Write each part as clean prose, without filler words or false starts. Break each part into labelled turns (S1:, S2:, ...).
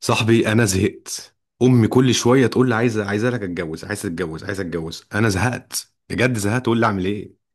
S1: صاحبي انا زهقت. امي كل شويه تقول لي عايزه لك اتجوز، عايزه اتجوز، عايزه اتجوز. انا زهقت بجد زهقت. تقول لي اعمل ايه؟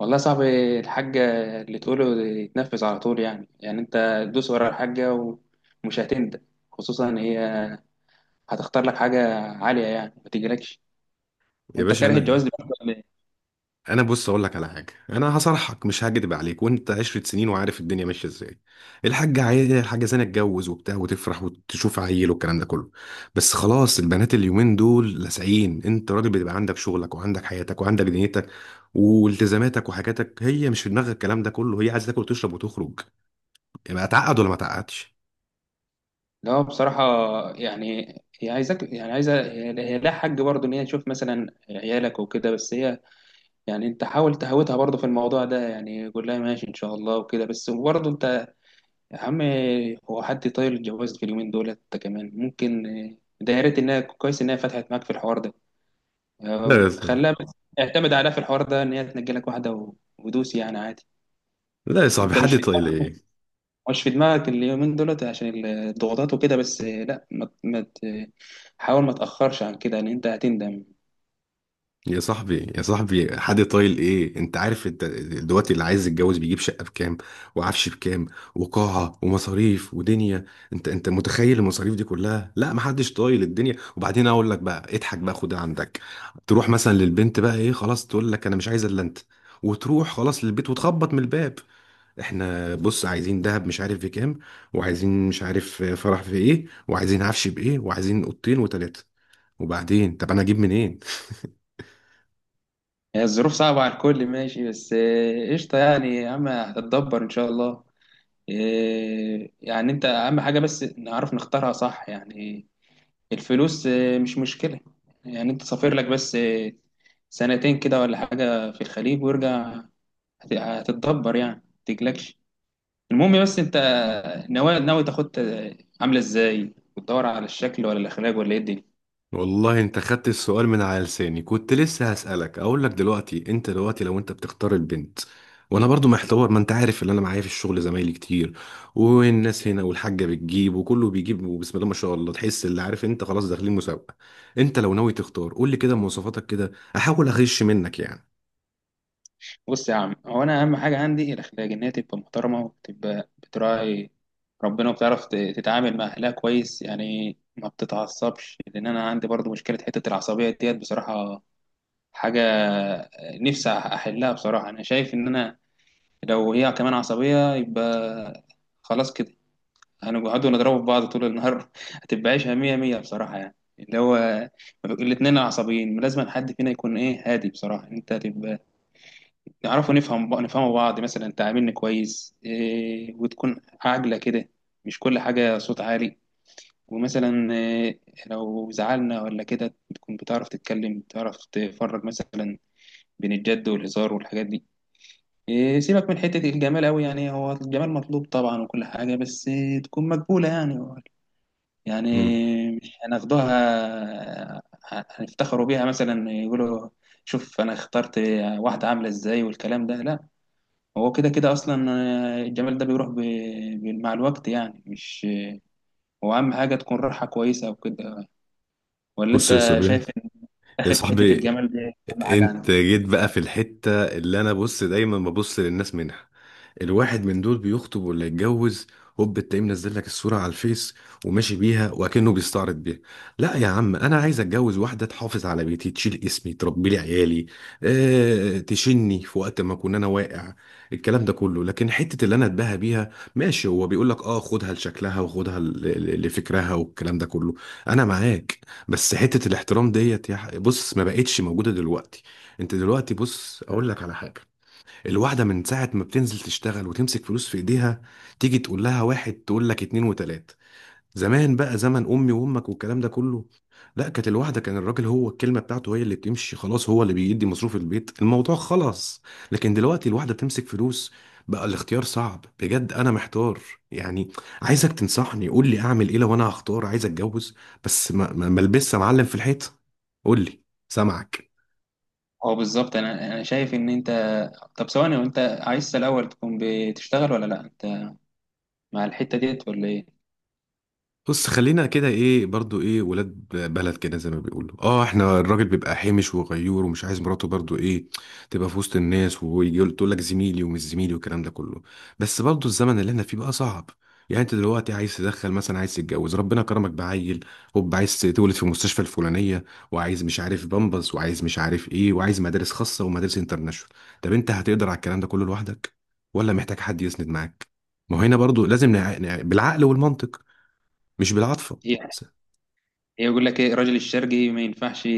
S2: والله يا صاحبي، الحاجة اللي تقوله يتنفذ على طول. يعني انت دوس ورا الحاجة ومش هتندم، خصوصا ان هي هتختار لك حاجة عالية يعني ما تجيلكش.
S1: يا
S2: وانت
S1: باشا
S2: كاره الجواز
S1: انا
S2: دلوقتي ولا ايه؟
S1: انا بص اقول لك على حاجه. انا هصرحك مش هكدب عليك. وانت عشرة سنين وعارف الدنيا ماشيه ازاي. الحاجه عايزه، الحاجه زينه تتجوز وبتاع وتفرح وتشوف عيل والكلام ده كله. بس خلاص، البنات اليومين دول لاسعين. انت راجل، بتبقى عندك شغلك وعندك حياتك وعندك دنيتك والتزاماتك وحاجاتك. هي مش في دماغها الكلام ده كله، هي عايزه تاكل وتشرب وتخرج. يبقى اتعقد ولا ما اتعقدش؟
S2: لا، هو بصراحة يعني هي عايزك، يعني عايزة. هي لها حق برضه ان هي تشوف مثلا عيالك وكده، بس هي يعني انت حاول تهوتها برضه في الموضوع ده، يعني قول لها ماشي ان شاء الله وكده، بس برضه انت يا عم، هو حد طايل الجواز في اليومين دولت؟ انت كمان ممكن. ده يا ريت انها كويس انها فتحت معاك في الحوار ده.
S1: لا،
S2: خلاها بس اعتمد عليها في الحوار ده، ان هي تنجي لك واحده ودوس يعني عادي.
S1: لا يا صاحبي،
S2: انت
S1: حد
S2: مش،
S1: طايل ايه؟
S2: في دماغك اليومين دولت عشان الضغوطات وكده، بس لا، ما ت- ما ت- حاول ما تاخرش عن كده لان انت هتندم.
S1: يا صاحبي، يا صاحبي، حد طايل ايه؟ انت عارف انت دلوقتي اللي عايز يتجوز بيجيب شقه بكام، وعفش بكام، وقاعه ومصاريف ودنيا. انت متخيل المصاريف دي كلها؟ لا، ما حدش طايل الدنيا. وبعدين اقول لك بقى، اضحك بقى خدها عندك. تروح مثلا للبنت بقى، ايه خلاص تقول لك انا مش عايزه الا انت، وتروح خلاص للبيت وتخبط من الباب. احنا بص عايزين دهب مش عارف بكام، وعايزين مش عارف فرح في ايه، وعايزين عفش بايه، وعايزين اوضتين وتلاته. وبعدين طب انا اجيب منين؟
S2: هي الظروف صعبه على الكل، ماشي، بس قشطه يعني. يا عم هتتدبر ان شاء الله. يعني انت اهم حاجه بس نعرف نختارها صح يعني. الفلوس مش مشكله. يعني انت سافر لك بس سنتين كده ولا حاجه في الخليج وارجع. هتتدبر يعني ما تقلقش. المهم بس انت ناوي، ناوي تاخد عامله ازاي، وتدور على الشكل ولا الاخلاق ولا ايه الدنيا.
S1: والله انت خدت السؤال من على لساني. كنت لسه هسألك، اقول لك دلوقتي انت دلوقتي لو انت بتختار البنت وانا برضو محتار. ما انت عارف ان انا معايا في الشغل زمايلي كتير والناس هنا، والحاجة بتجيب وكله بيجيب، وبسم الله ما شاء الله تحس اللي عارف انت خلاص داخلين مسابقة. انت لو ناوي تختار قول لي كده مواصفاتك، كده احاول اغش منك يعني.
S2: بص يا عم، هو انا اهم حاجه عندي الاخلاق، ان هي تبقى محترمه وتبقى بتراعي ربنا، وبتعرف تتعامل مع اهلها كويس، يعني ما بتتعصبش، لان انا عندي برضو مشكله حته العصبيه ديت بصراحه. حاجه نفسي احلها بصراحه. انا شايف ان انا لو هي كمان عصبيه يبقى خلاص كده، هنقعدوا نضربوا في بعض طول النهار. هتبقى عيشة مية مية بصراحة يعني. اللي هو الاتنين عصبيين، لازم حد فينا يكون ايه، هادي بصراحة. انت تبقى نعرفوا نفهم نفهموا بعض، مثلا انت عاملني كويس إيه، وتكون عاجلة كده، مش كل حاجة صوت عالي. ومثلا إيه، لو زعلنا ولا كده تكون بتعرف تتكلم، بتعرف تفرج مثلا بين الجد والهزار والحاجات دي. إيه، سيبك من حتة الجمال أوي، يعني هو الجمال مطلوب طبعا وكل حاجة، بس إيه تكون مقبولة يعني. يعني
S1: مم.
S2: مش هناخدوها هنفتخروا بيها، مثلا يقولوا شوف انا اخترت واحدة عاملة ازاي والكلام ده، لا. هو كده كده اصلا الجمال ده بيروح مع الوقت، يعني مش هو اهم حاجة تكون راحة كويسة وكده. ولا
S1: بص يا
S2: انت
S1: صاحبي،
S2: شايف ان
S1: يا
S2: داخل في حتة
S1: صاحبي،
S2: الجمال دي اهم حاجة
S1: انت
S2: عندك؟
S1: جيت بقى في الحتة اللي انا بص دايما ببص للناس منها. الواحد من دول بيخطب ولا يتجوز، هوب التلاقيه منزل لك الصورة على الفيس وماشي بيها وكأنه بيستعرض بيها. لا يا عم، انا عايز اتجوز واحدة تحافظ على بيتي، تشيل اسمي، تربي لي عيالي. اه، تشني في وقت ما اكون انا واقع، الكلام ده كله. لكن حتة اللي انا اتباهى بيها ماشي، هو بيقول لك اه خدها لشكلها، وخدها لفكرها والكلام ده كله. انا معاك. بس حتة الاحترام ديت يا بص، ما بقتش موجودة دلوقتي. انت دلوقتي بص اقول لك على حاجة. الواحدة من ساعة ما بتنزل تشتغل وتمسك فلوس في ايديها، تيجي تقول لها واحد تقول لك اتنين وتلاتة. زمان بقى، زمن امي وامك والكلام ده كله، لا، كانت الواحده كان الراجل هو الكلمه بتاعته هي اللي بتمشي خلاص، هو اللي بيدي مصروف البيت، الموضوع خلاص. لكن دلوقتي الواحده بتمسك فلوس. بقى الاختيار صعب بجد، انا محتار يعني. عايزك تنصحني، قول لي اعمل ايه لو انا هختار عايز اتجوز. بس ما البسش يا معلم في الحيط. قول لي، سامعك.
S2: هو بالظبط، انا شايف ان انت، طب ثواني، وانت عايز الاول تكون بتشتغل ولا لا؟ انت مع الحتة ديت ولا ايه؟
S1: بص خلينا كده، ايه برضو، ايه ولاد بلد كده زي ما بيقولوا اه، احنا الراجل بيبقى حامش وغيور ومش عايز مراته برضو ايه تبقى في وسط الناس، ويجي تقول لك زميلي ومش زميلي والكلام ده كله. بس برضو الزمن اللي احنا فيه بقى صعب. يعني انت دلوقتي عايز تدخل مثلا، عايز تتجوز، ربنا كرمك بعيل، هوب عايز تولد في المستشفى الفلانيه، وعايز مش عارف بامبس، وعايز مش عارف ايه، وعايز مدارس خاصه ومدارس انترناشونال. طب انت هتقدر على الكلام ده كله لوحدك، ولا محتاج حد يسند معاك؟ ما هو هنا برضو لازم بالعقل والمنطق، مش بالعاطفة.
S2: هي
S1: س-
S2: يقول لك ايه، الراجل الشرقي ما ينفعش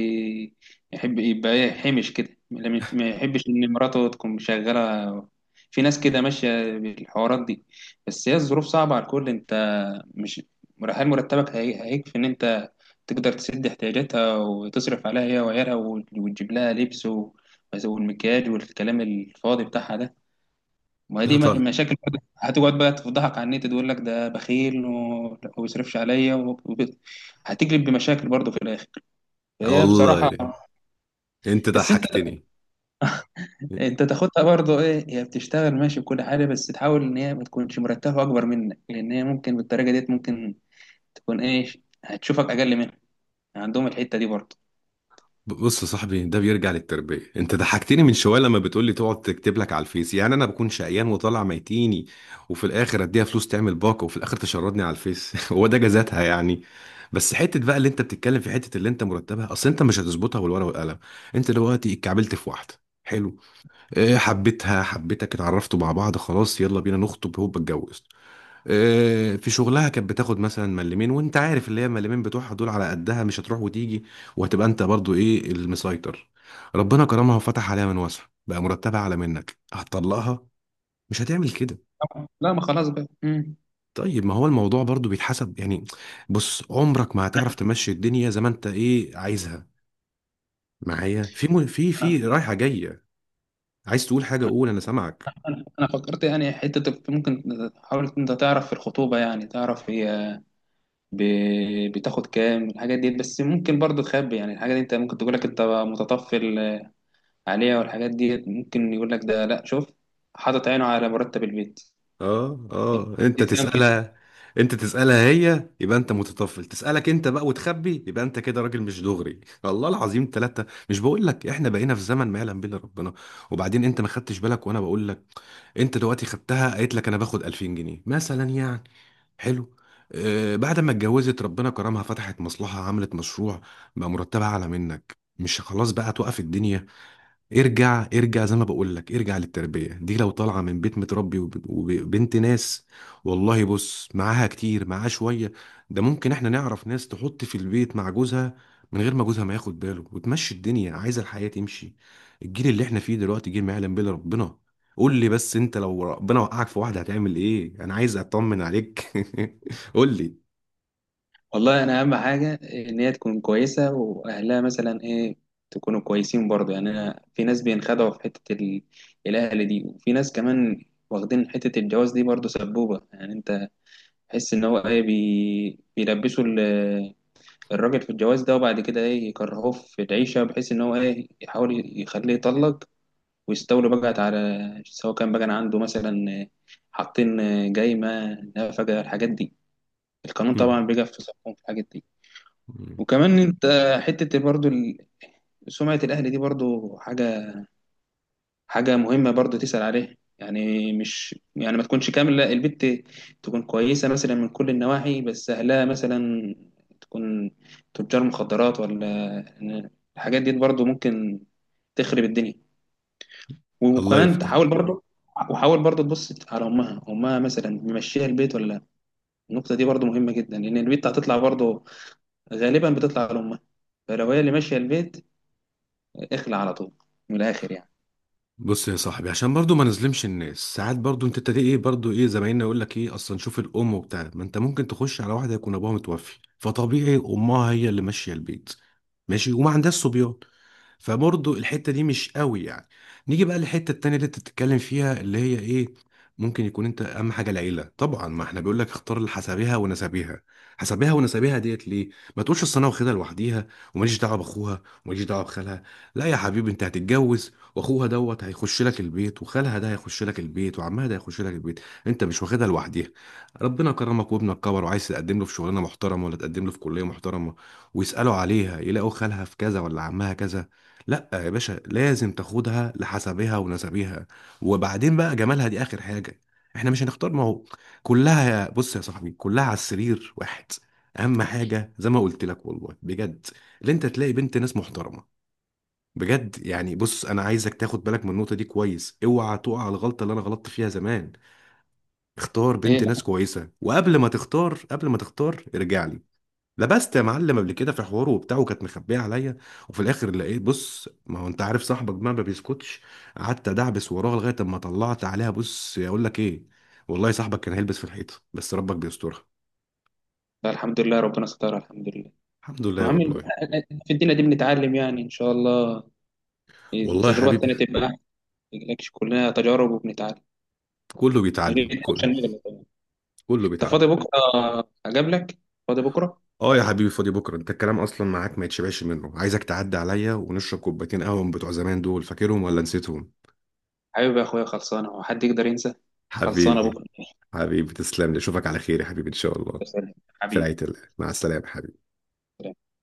S2: يحب يبقى ايه، حمش كده، لا ما يحبش ان مراته تكون مشغله. في ناس كده ماشيه بالحوارات دي، بس هي الظروف صعبه على الكل. انت مش، هل مرتبك هيكفي ان انت تقدر تسد احتياجاتها وتصرف عليها هي وعيالها، وتجيب لها لبس والمكياج والكلام الفاضي بتاعها ده؟ ما هي
S1: لا،
S2: دي
S1: طبعا.
S2: مشاكل برضه. هتقعد بقى تفضحك على النت، تقول لك ده بخيل وما بيصرفش عليا هتجلب بمشاكل برضه في الاخر.
S1: آه
S2: هي بصراحة،
S1: والله، انت
S2: بس انت
S1: ضحكتني.
S2: انت تاخدها برضه ايه، هي بتشتغل ماشي بكل حاجة، بس تحاول ان هي ما تكونش مرتبة اكبر منك، لان هي ممكن بالطريقة ديت ممكن تكون ايه، هتشوفك اقل منها. عندهم الحتة دي برضه.
S1: بص يا صاحبي، ده بيرجع للتربية. انت ضحكتني من شوية لما بتقولي تقعد تكتب لك على الفيس، يعني انا بكون شقيان وطالع ميتيني وفي الاخر اديها فلوس تعمل باقة، وفي الاخر تشردني على الفيس هو ده جزاتها يعني؟ بس حتة بقى اللي انت بتتكلم، في حتة اللي انت مرتبها، اصل انت مش هتظبطها بالورقة والقلم. انت دلوقتي اتكعبلت في واحدة، حلو، اه حبيتها حبيتك اتعرفتوا مع بعض، خلاص يلا بينا نخطب هوب اتجوز. آه، في شغلها كانت بتاخد مثلا ملمين، وانت عارف اللي هي الملمين بتوعها دول على قدها، مش هتروح وتيجي، وهتبقى انت برضو ايه المسيطر. ربنا كرمها وفتح عليها من واسع، بقى مرتبها اعلى منك، هتطلقها؟ مش هتعمل كده.
S2: لا، ما خلاص بقى. مم.
S1: طيب ما هو الموضوع برضو بيتحسب يعني. بص عمرك ما
S2: انا
S1: هتعرف تمشي الدنيا زي ما انت ايه عايزها. معايا في في
S2: انا-
S1: في رايحة جاية. عايز تقول حاجة قول، انا سامعك.
S2: انا فكرت يعني حتة ممكن، حاول انت تعرف في الخطوبة يعني تعرف هي بتاخد كام الحاجات ديت، بس ممكن برضه تخبي يعني الحاجات دي. انت ممكن تقول لك انت متطفل عليها والحاجات ديت، ممكن يقول لك ده لا، شوف حاطط عينه على مرتب البيت،
S1: اه، اه، انت
S2: تتفهم كده.
S1: تسألها، انت تسألها هي يبقى انت متطفل، تسألك انت بقى وتخبي يبقى انت كده راجل مش دغري الله العظيم ثلاثة، مش بقول لك احنا بقينا في زمن ما يعلم به الا ربنا. وبعدين انت ما خدتش بالك وانا بقول لك. انت دلوقتي خدتها، قالت لك انا باخد 2000 جنيه مثلا يعني. حلو. آه، بعد ما اتجوزت ربنا كرمها، فتحت مصلحة، عملت مشروع، بقى مرتبها اعلى منك، مش خلاص بقى توقف الدنيا. ارجع، ارجع زي ما بقول لك، ارجع للتربية. دي لو طالعة من بيت متربي وبنت ناس والله، بص معاها كتير، معاها شوية. ده ممكن، احنا نعرف ناس تحط في البيت مع جوزها من غير ما جوزها ما ياخد باله، وتمشي الدنيا عايزة الحياة تمشي. الجيل اللي احنا فيه دلوقتي، جيل ما يعلم به إلا ربنا. قول لي بس، انت لو ربنا وقعك في واحدة هتعمل ايه؟ انا عايز اطمن عليك قول لي.
S2: والله انا اهم حاجه ان هي تكون كويسه، واهلها مثلا ايه، تكونوا كويسين برضه. يعني انا في ناس بينخدعوا في حته الاهل دي، وفي ناس كمان واخدين حته الجواز دي برضه سبوبه، يعني انت تحس ان هو ايه بيلبسوا الراجل في الجواز ده، وبعد كده ايه يكرهوه في العيشه، بحيث ان هو ايه يحاول يخليه يطلق، ويستولوا بقى على سواء كان بقى عنده مثلا، حاطين جايمه نفقه الحاجات دي. القانون طبعا بيجي في صفهم في الحاجات دي. وكمان انت حته برضو سمعه الاهلي دي برضو حاجه، حاجه مهمه برضو تسال عليها، يعني مش يعني ما تكونش كامله البت، تكون كويسه مثلا من كل النواحي بس اهلها مثلا تكون تجار مخدرات، ولا الحاجات دي برضو ممكن تخرب الدنيا.
S1: الله
S2: وكمان
S1: يفتح.
S2: تحاول برضو، وحاول برضو تبص على امها، امها مثلا ممشيها البيت ولا لا؟ النقطه دي برضو مهمه جدا، لان البيت هتطلع برضو غالبا بتطلع لأمها. فلو هي اللي ماشية البيت، اخلع على طول من الآخر يعني.
S1: بص يا صاحبي، عشان برضو ما نظلمش الناس، ساعات برضو انت تلاقي ايه برضو، ايه زمايلنا يقول لك ايه اصلا، شوف الام وبتاع، ما انت ممكن تخش على واحده يكون ابوها متوفي، فطبيعي امها هي اللي ماشيه البيت، ماشي، وما عندهاش صبيان، فبرضه الحتة دي مش قوي يعني. نيجي بقى للحتة التانية اللي انت بتتكلم فيها، اللي هي ايه ممكن يكون، انت اهم حاجة العيلة طبعا. ما احنا بيقول لك اختار حسابها ونسابها، حسابها ونسابها ديت ليه؟ ما تقولش اصل انا واخدها لوحديها، وماليش دعوة باخوها، وماليش دعوة بخالها. لا يا حبيبي، انت هتتجوز واخوها دوت هيخش لك البيت، وخالها ده هيخش لك البيت، وعمها ده هيخش لك البيت، انت مش واخدها لوحديها. ربنا كرمك وابنك كبر وعايز تقدم له في شغلانة محترمة ولا تقدم له في كلية محترمة، ويسألوا عليها يلاقوا خالها في كذا ولا عمها كذا. لا يا باشا، لازم تاخدها لحسبها ونسبها. وبعدين بقى جمالها دي اخر حاجه. احنا مش هنختار، ما هو كلها، يا بص يا صاحبي كلها على السرير واحد. اهم حاجه زي ما قلت لك والله بجد، اللي انت تلاقي بنت ناس محترمه بجد يعني. بص انا عايزك تاخد بالك من النقطه دي كويس، اوعى تقع على الغلطه اللي انا غلطت فيها زمان. اختار
S2: ايه،
S1: بنت ناس
S2: لا.
S1: كويسه، وقبل ما تختار، قبل ما تختار ارجع لي. لبست يا معلم قبل كده في حواره وبتاع، وكانت مخبيه عليا، وفي الاخر لقيت، بص ما هو انت عارف صاحبك بقى ما بيسكتش، قعدت ادعبس وراها لغايه اما طلعت عليها بص اقول لك ايه، والله صاحبك كان هيلبس في الحيطه، بس ربك بيسترها.
S2: فالحمد لله ربنا سترها، الحمد لله.
S1: الحمد لله
S2: المهم
S1: والله.
S2: في الدنيا دي بنتعلم يعني، إن شاء الله
S1: والله يا
S2: التجربة
S1: حبيبي،
S2: التانية تبقى أحسن. ما تقلقش، كلنا تجارب وبنتعلم.
S1: كله
S2: يا
S1: بيتعلم
S2: ريت
S1: كله،
S2: عشان نغلط طبعاً.
S1: كله
S2: أنت فاضي
S1: بيتعلم.
S2: بكرة أقابلك؟ فاضي بكرة؟
S1: اه يا حبيبي، فاضي بكره، انت الكلام اصلا معاك ما يتشبعش منه، عايزك تعدي عليا ونشرب كوبايتين قهوه من بتوع زمان دول، فاكرهم ولا نسيتهم؟
S2: حبيبي يا أخويا، خلصانة. هو حد يقدر ينسى؟ خلصانة
S1: حبيبي،
S2: بكرة.
S1: حبيبي تسلم لي، اشوفك على خير يا حبيبي ان شاء الله.
S2: سلام.
S1: في
S2: حبيبي.
S1: رعايه الله، مع السلامه.